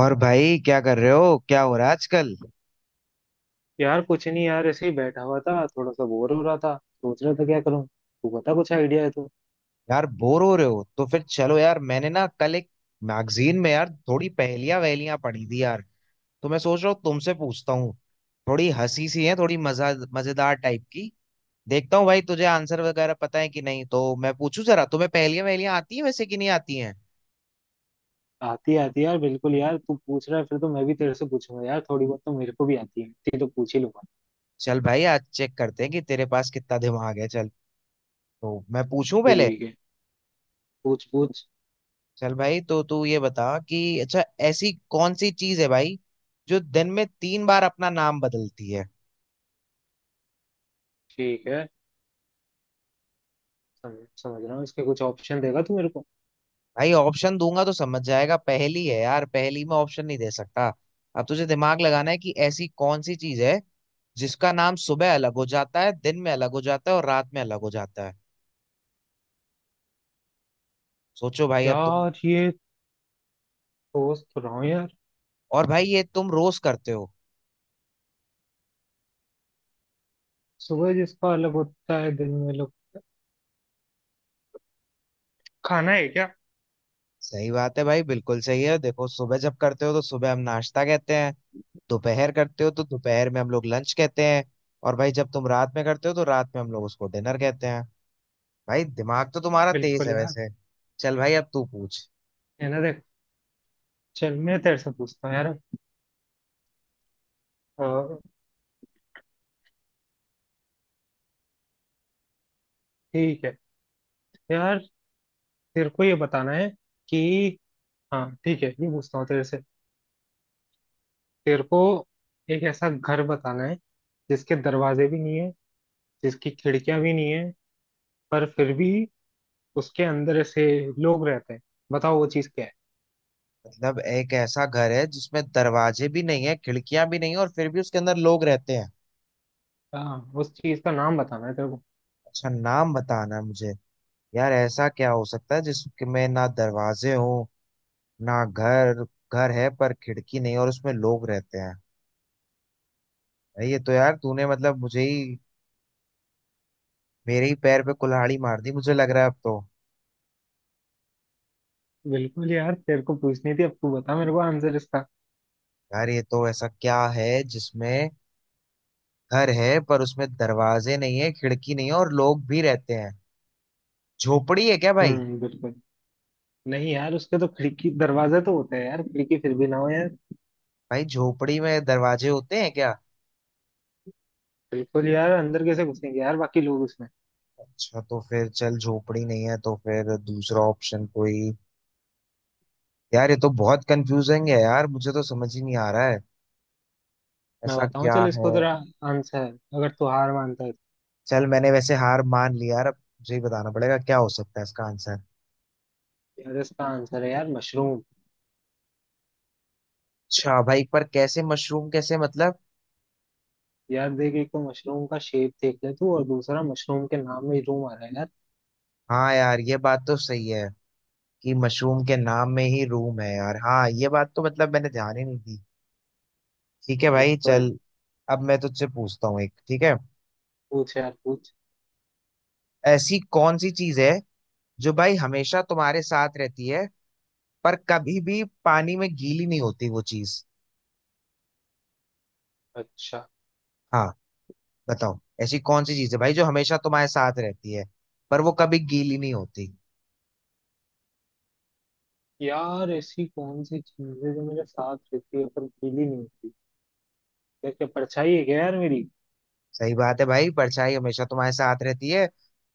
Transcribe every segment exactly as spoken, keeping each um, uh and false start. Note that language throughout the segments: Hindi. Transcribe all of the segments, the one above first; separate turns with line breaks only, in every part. और भाई क्या कर रहे हो? क्या हो रहा है आजकल?
यार कुछ नहीं यार, ऐसे ही बैठा हुआ था। थोड़ा सा बोर हो रहा था, सोच रहा था क्या करूं। तू बता, कुछ आइडिया है तो।
यार बोर हो रहे हो तो फिर चलो, यार मैंने ना कल एक मैगजीन में यार थोड़ी पहेलियां वहेलियां पढ़ी थी यार। तो मैं सोच रहा हूँ तुमसे पूछता हूँ। थोड़ी हंसी सी है, थोड़ी मजा मजेदार टाइप की। देखता हूँ भाई तुझे आंसर वगैरह पता है कि नहीं, तो मैं पूछूं जरा तुम्हें। पहेलियां वहेलियां आती हैं वैसे कि नहीं आती हैं?
आती आती यार, बिल्कुल यार, तू पूछ रहा है फिर तो मैं भी तेरे से पूछूंगा यार। थोड़ी बहुत तो मेरे को भी आती है, इतनी तो पूछ ही लूंगा।
चल भाई आज चेक करते हैं कि तेरे पास कितना दिमाग है। चल तो मैं पूछूं पहले।
ठीक है, पूछ पूछ।
चल भाई, तो तू ये बता कि अच्छा, ऐसी कौन सी चीज है भाई जो दिन में तीन बार अपना नाम बदलती है?
ठीक है, समझ समझ रहा हूँ। इसके कुछ ऑप्शन देगा तू मेरे को?
भाई ऑप्शन दूंगा तो समझ जाएगा, पहेली है यार, पहेली में ऑप्शन नहीं दे सकता। अब तुझे दिमाग लगाना है कि ऐसी कौन सी चीज है जिसका नाम सुबह अलग हो जाता है, दिन में अलग हो जाता है और रात में अलग हो जाता है। सोचो भाई अब तुम।
यार ये, सोच तो रहा हूँ यार।
और भाई ये तुम रोज करते हो।
सुबह जिसका अलग होता है, दिन में लोग खाना है क्या?
सही बात है भाई, बिल्कुल सही है। देखो सुबह जब करते हो तो सुबह हम नाश्ता कहते हैं, दोपहर करते हो तो दोपहर में हम लोग लंच कहते हैं, और भाई जब तुम रात में करते हो तो रात में हम लोग उसको डिनर कहते हैं। भाई दिमाग तो तुम्हारा तेज
बिल्कुल
है
यार।
वैसे। चल भाई अब तू पूछ।
है ना, देख, चल मैं तेरे से पूछता हूँ यार। अ, ठीक है यार, तेरे को ये बताना है कि, हाँ ठीक है, ये पूछता हूँ तेरे से। तेरे को एक ऐसा घर बताना है जिसके दरवाजे भी नहीं है, जिसकी खिड़कियां भी नहीं है, पर फिर भी उसके अंदर ऐसे लोग रहते हैं। बताओ वो चीज क्या है।
मतलब एक ऐसा घर है जिसमें दरवाजे भी नहीं है, खिड़कियां भी नहीं है और फिर भी उसके अंदर लोग रहते हैं?
हाँ, उस चीज का नाम बताना है तेरे को।
अच्छा नाम बताना है मुझे। यार ऐसा क्या हो सकता है जिसमें ना दरवाजे हो ना घर। घर है पर खिड़की नहीं और उसमें लोग रहते हैं। भाई ये तो यार तूने मतलब मुझे ही, मेरे ही पैर पे कुल्हाड़ी मार दी मुझे लग रहा है अब तो।
बिल्कुल यार, तेरे को पूछनी थी। अब तू बता मेरे को आंसर इसका।
यार ये तो ऐसा क्या है जिसमें घर है पर उसमें दरवाजे नहीं है, खिड़की नहीं है और लोग भी रहते हैं। झोपड़ी है क्या भाई?
हम्म, बिल्कुल नहीं यार, उसके तो खिड़की दरवाजे तो होते हैं यार। खिड़की फिर भी ना हो यार।
भाई झोपड़ी में दरवाजे होते हैं क्या?
बिल्कुल यार, अंदर कैसे घुसेंगे यार बाकी लोग उसमें।
अच्छा तो फिर चल झोपड़ी नहीं है तो फिर दूसरा ऑप्शन कोई। यार ये तो बहुत कंफ्यूजिंग है यार, मुझे तो समझ ही नहीं आ रहा है
मैं
ऐसा
बताऊं
क्या
चल
है।
इसको, तेरा आंसर, अगर तू हार मानता है तो।
चल मैंने वैसे हार मान लिया यार, अब मुझे ही बताना पड़ेगा क्या हो सकता है इसका आंसर।
यार इसका आंसर है यार, मशरूम।
अच्छा भाई, पर कैसे? मशरूम कैसे मतलब?
यार देख, एक तो मशरूम का शेप देख ले तू, और दूसरा मशरूम के नाम में ही रूम आ रहा है यार।
हाँ यार ये बात तो सही है कि मशरूम के नाम में ही रूम है यार। हाँ ये बात तो मतलब मैंने ध्यान ही नहीं दी। ठीक है भाई
बिल्कुल।
चल, अब मैं तुझसे पूछता हूँ एक, ठीक है?
पूछ यार पूछ।
ऐसी कौन सी चीज है जो भाई हमेशा तुम्हारे साथ रहती है पर कभी भी पानी में गीली नहीं होती वो चीज?
अच्छा
हाँ बताओ, ऐसी कौन सी चीज है भाई जो हमेशा तुम्हारे साथ रहती है पर वो कभी गीली नहीं होती?
यार ऐसी कौन सी चीज है जो मेरे साथ रहती है पर गीली नहीं होती यार क्या परछाई है क्या यार मेरी
सही बात है भाई, परछाई हमेशा तुम्हारे साथ रहती है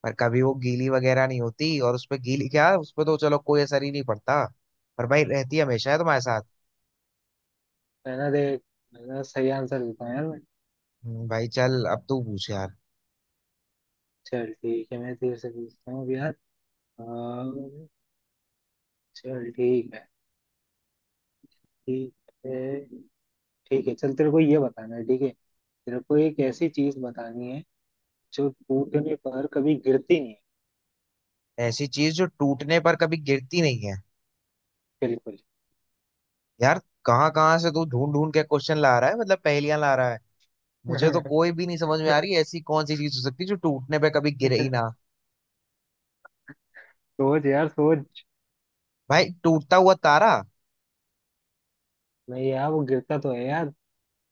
पर कभी वो गीली वगैरह नहीं होती, और उस पे गीली क्या, उस पे तो चलो कोई असर ही नहीं पड़ता। पर भाई रहती हमेशा है तुम्हारे साथ।
मैंने देख मैंने सही आंसर देता हूँ यार मैं
हम्म। भाई चल अब तू पूछ यार।
चल ठीक है मैं तेरे से पूछता हूँ अब यार अम, चल ठीक है ठीक है ठीक है चल तेरे को ये बताना है ठीक है तेरे को एक ऐसी चीज बतानी है जो टूटने पर कभी गिरती नहीं है
ऐसी चीज जो टूटने पर कभी गिरती नहीं है?
बिल्कुल
यार कहाँ कहाँ से तू ढूंढ ढूंढ के क्वेश्चन ला रहा है, मतलब पहेलियां ला रहा है। मुझे तो कोई भी नहीं समझ में आ रही, ऐसी कौन सी चीज हो सकती है जो टूटने पर कभी गिरे ही ना।
सोच यार सोच
भाई टूटता हुआ तारा?
नहीं यार वो गिरता तो है यार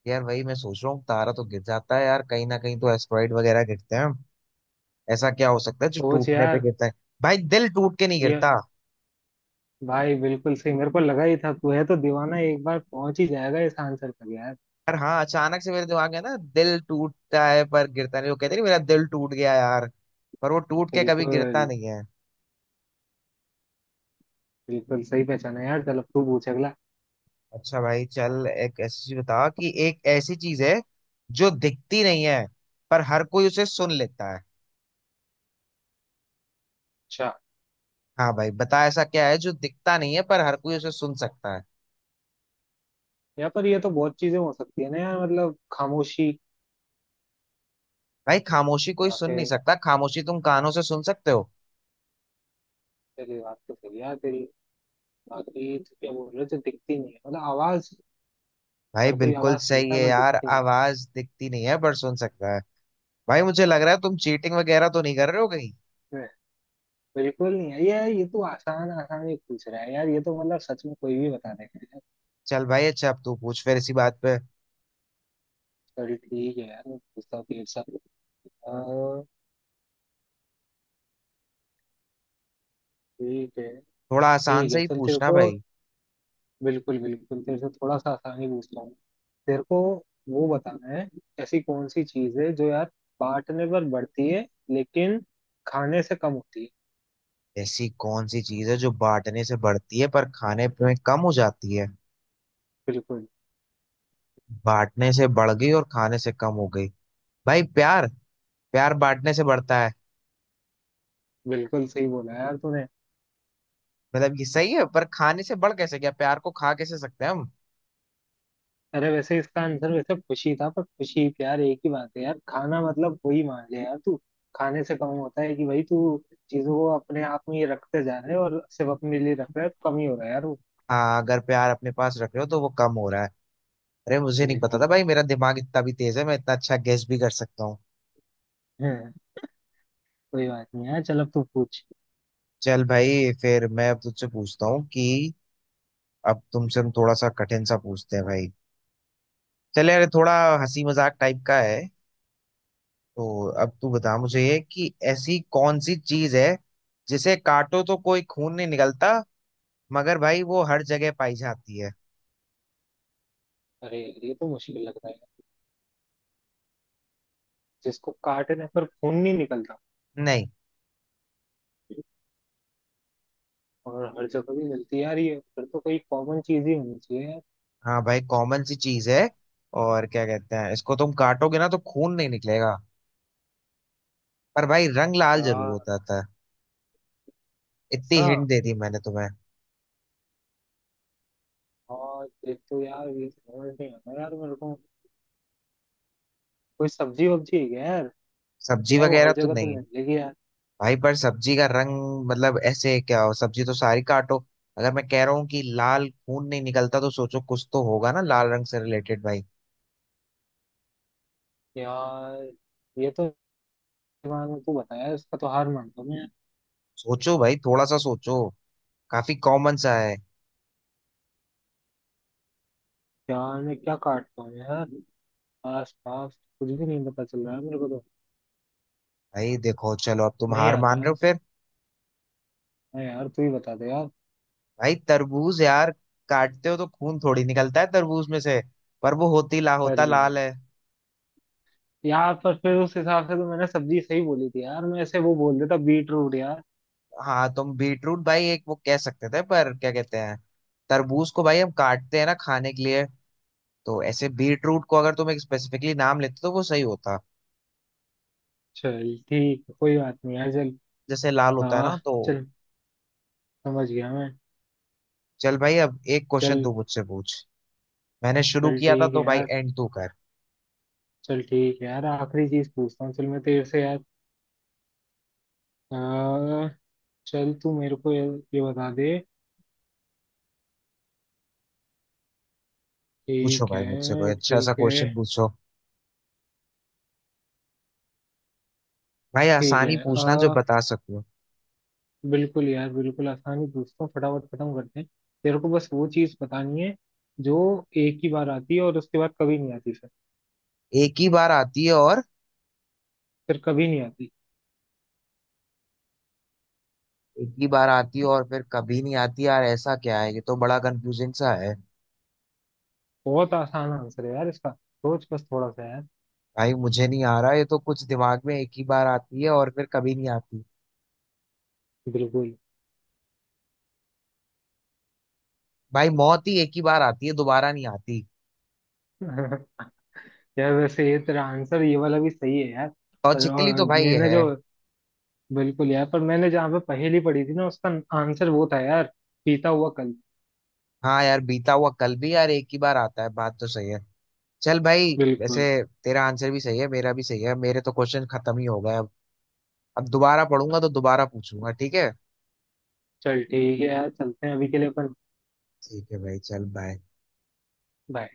यार वही मैं सोच रहा हूँ, तारा तो गिर जाता है यार कहीं ना कहीं, तो एस्टेरॉइड वगैरह गिरते हैं। ऐसा क्या हो सकता है जो
सोच
टूटने पे
यार
गिरता है? भाई दिल टूट के नहीं
ये
गिरता।
भाई बिल्कुल सही मेरे को लगा ही था तू है तो दीवाना एक बार पहुंच ही जाएगा इस आंसर तक यार
यार हाँ अचानक से मेरे दिमाग में ना, दिल टूटता है पर गिरता नहीं, वो कहते नहीं मेरा दिल टूट गया यार, पर वो टूट के कभी
बिल्कुल
गिरता नहीं है।
बिल्कुल सही पहचाना यार चल अब तू पूछ अगला
अच्छा भाई चल, एक ऐसी चीज बता, कि एक ऐसी चीज है जो दिखती नहीं है पर हर कोई उसे सुन लेता है।
अच्छा।
हाँ भाई बता, ऐसा क्या है जो दिखता नहीं है पर हर कोई उसे सुन सकता है?
यहाँ पर ये तो बहुत चीजें हो सकती है ना यार। मतलब खामोशी।
भाई खामोशी कोई
या
सुन नहीं
फिर,
सकता, खामोशी तुम कानों से सुन सकते हो।
तेरी बात तो सही है यार तेरी। बाकी तू क्या बोल रहे हो, जो दिखती नहीं है, मतलब आवाज।
भाई
हर कोई
बिल्कुल
आवाज
सही
सुनता है
है
पर
यार,
दिखती नहीं।
आवाज दिखती नहीं है पर सुन सकता है। भाई मुझे लग रहा है तुम चीटिंग वगैरह तो नहीं कर रहे हो कहीं।
है बिल्कुल नहीं है ये। ये तो आसान आसान ही पूछ रहा है यार। ये तो मतलब सच में कोई भी बता देगा।
चल भाई अच्छा, अब तू पूछ फिर इसी बात पे।
चल ठीक है यार, गुस्सा तेरे साथ। हाँ, ठीक है,
थोड़ा आसान
ठीक
से
है।
ही
चल तेरे
पूछना
को
भाई।
बिल्कुल बिल्कुल तेरे से थोड़ा सा आसानी पूछता हूँ। तेरे को वो बताना है, ऐसी कौन सी चीज है जो यार बांटने पर बढ़ती है लेकिन खाने से कम होती है।
ऐसी कौन सी चीज है जो बांटने से बढ़ती है पर खाने में कम हो जाती है?
बिल्कुल।
बांटने से बढ़ गई और खाने से कम हो गई। भाई प्यार। प्यार बांटने से बढ़ता है।
बिल्कुल सही बोला यार तूने।
मतलब ये सही है, पर खाने से बढ़ कैसे गया, प्यार को खा कैसे सकते हैं हम?
अरे वैसे इसका आंसर वैसे खुशी था, पर खुशी प्यार एक ही बात है यार। खाना मतलब वही मान ले यार तू। खाने से कम होता है कि भाई तू चीजों को अपने आप में ही रखते जा रहे है और सिर्फ अपने लिए रख रहा है तो कम ही हो रहा है यार वो।
हाँ अगर प्यार अपने पास रख रहे हो तो वो कम हो रहा है। अरे मुझे नहीं पता
बिल्कुल।
था भाई मेरा दिमाग इतना भी तेज है, मैं इतना अच्छा गेस भी कर सकता हूँ।
हम्म। कोई बात नहीं है, चल अब तू पूछ।
चल भाई फिर मैं अब तुझसे पूछता हूँ कि, अब तुमसे हम थोड़ा सा कठिन सा पूछते हैं भाई। चले, अरे थोड़ा हंसी मजाक टाइप का है। तो अब तू बता मुझे कि ऐसी कौन सी चीज है जिसे काटो तो कोई खून नहीं निकलता मगर भाई वो हर जगह पाई जाती है?
अरे यार, ये तो मुश्किल लग रहा है। जिसको काटने पर खून नहीं निकलता
नहीं।
और हर जगह भी मिलती है यार, ये फिर तो कोई कॉमन चीज ही होनी चाहिए यार।
हाँ भाई कॉमन सी चीज है, और क्या कहते हैं इसको, तुम काटोगे ना तो खून नहीं निकलेगा पर भाई रंग लाल जरूर
यार
हो जाता है। इतनी
ऐसा,
हिंट दे दी मैंने तुम्हें।
और एक तो यार ये समझ नहीं आता यार मेरे को। कोई सब्जी वब्जी है क्या यार?
सब्जी
या वो
वगैरह
हर
तो
जगह तो
नहीं।
मिलेगी यार।
भाई पर सब्जी का रंग, मतलब ऐसे क्या हो, सब्जी तो सारी काटो। अगर मैं कह रहा हूँ कि लाल खून नहीं निकलता तो सोचो, कुछ तो होगा ना लाल रंग से रिलेटेड भाई।
यार ये तो दिमाग में, तू बताया इसका, तो हार मानता हूँ मैं।
सोचो भाई, थोड़ा सा सोचो, काफी कॉमन सा है।
यार मैं क्या काटता हूँ यार, आस पास कुछ भी नहीं पता चल रहा है मेरे को तो।
भाई देखो, चलो अब तुम
नहीं
हार
आ
मान
रहा
रहे हो
है,
फिर।
हाँ यार तू ही बता दे यार।
भाई तरबूज यार। काटते हो तो खून थोड़ी निकलता है तरबूज में से, पर वो होती ला होता
अरे
लाल है।
यार, पर फिर उस हिसाब से तो मैंने सब्जी सही बोली थी यार। मैं ऐसे वो बोल देता बीट रूट यार।
हाँ तुम बीटरूट भाई एक वो कह सकते थे, पर क्या कहते हैं, तरबूज को भाई हम काटते हैं ना खाने के लिए। तो ऐसे बीटरूट को अगर तुम एक स्पेसिफिकली नाम लेते तो वो सही होता।
चल ठीक है, कोई बात नहीं यार, चल।
जैसे लाल होता है ना
हाँ,
तो।
चल, समझ गया मैं।
चल भाई अब एक क्वेश्चन
चल।
तू मुझसे पूछ। मैंने शुरू
चल
किया था
ठीक है
तो भाई
यार,
एंड तू कर।
चल ठीक है यार, आखिरी चीज पूछता हूँ चल मैं तेरे से यार। आ, चल तू मेरे को ये, ये बता दे।
पूछो
ठीक
भाई मुझसे कोई
है,
अच्छा सा
ठीक है,
क्वेश्चन पूछो। भाई
ठीक
आसानी
है।
पूछना जो
आ,
बता सको।
बिल्कुल यार, बिल्कुल आसानी पूछता हूँ, फटाफट खत्म करते हैं। तेरे को बस वो चीज बतानी है जो एक ही बार आती है और उसके बाद कभी नहीं आती।
एक ही बार आती है और,
फिर कभी नहीं आती।
एक ही बार आती है और फिर कभी नहीं आती यार ऐसा क्या है, ये तो बड़ा कंफ्यूजिंग सा है।
बहुत आसान आंसर है यार इसका, सोच बस थोड़ा सा यार।
भाई मुझे नहीं आ रहा ये तो कुछ दिमाग में, एक ही बार आती है और फिर कभी नहीं आती।
बिल्कुल।
भाई मौत ही एक ही बार आती है दोबारा नहीं आती।
यार वैसे ये तेरा आंसर, ये वाला भी सही है यार। पर
लॉजिकली तो
और
भाई ये
मैंने
है।
जो, बिल्कुल यार, पर मैंने जहाँ पे पहेली पढ़ी थी ना, उसका आंसर वो था यार, पीता हुआ कल।
हाँ यार बीता हुआ कल भी यार एक ही बार आता है, बात तो सही है। चल भाई। वैसे
बिल्कुल।
तेरा आंसर भी सही है मेरा भी सही है। मेरे तो क्वेश्चन खत्म ही हो गए अब। अब दोबारा पढ़ूंगा तो दोबारा पूछूंगा, ठीक है?
चल ठीक है यार, चलते हैं अभी के लिए अपन।
ठीक है भाई, चल बाय।
बाय।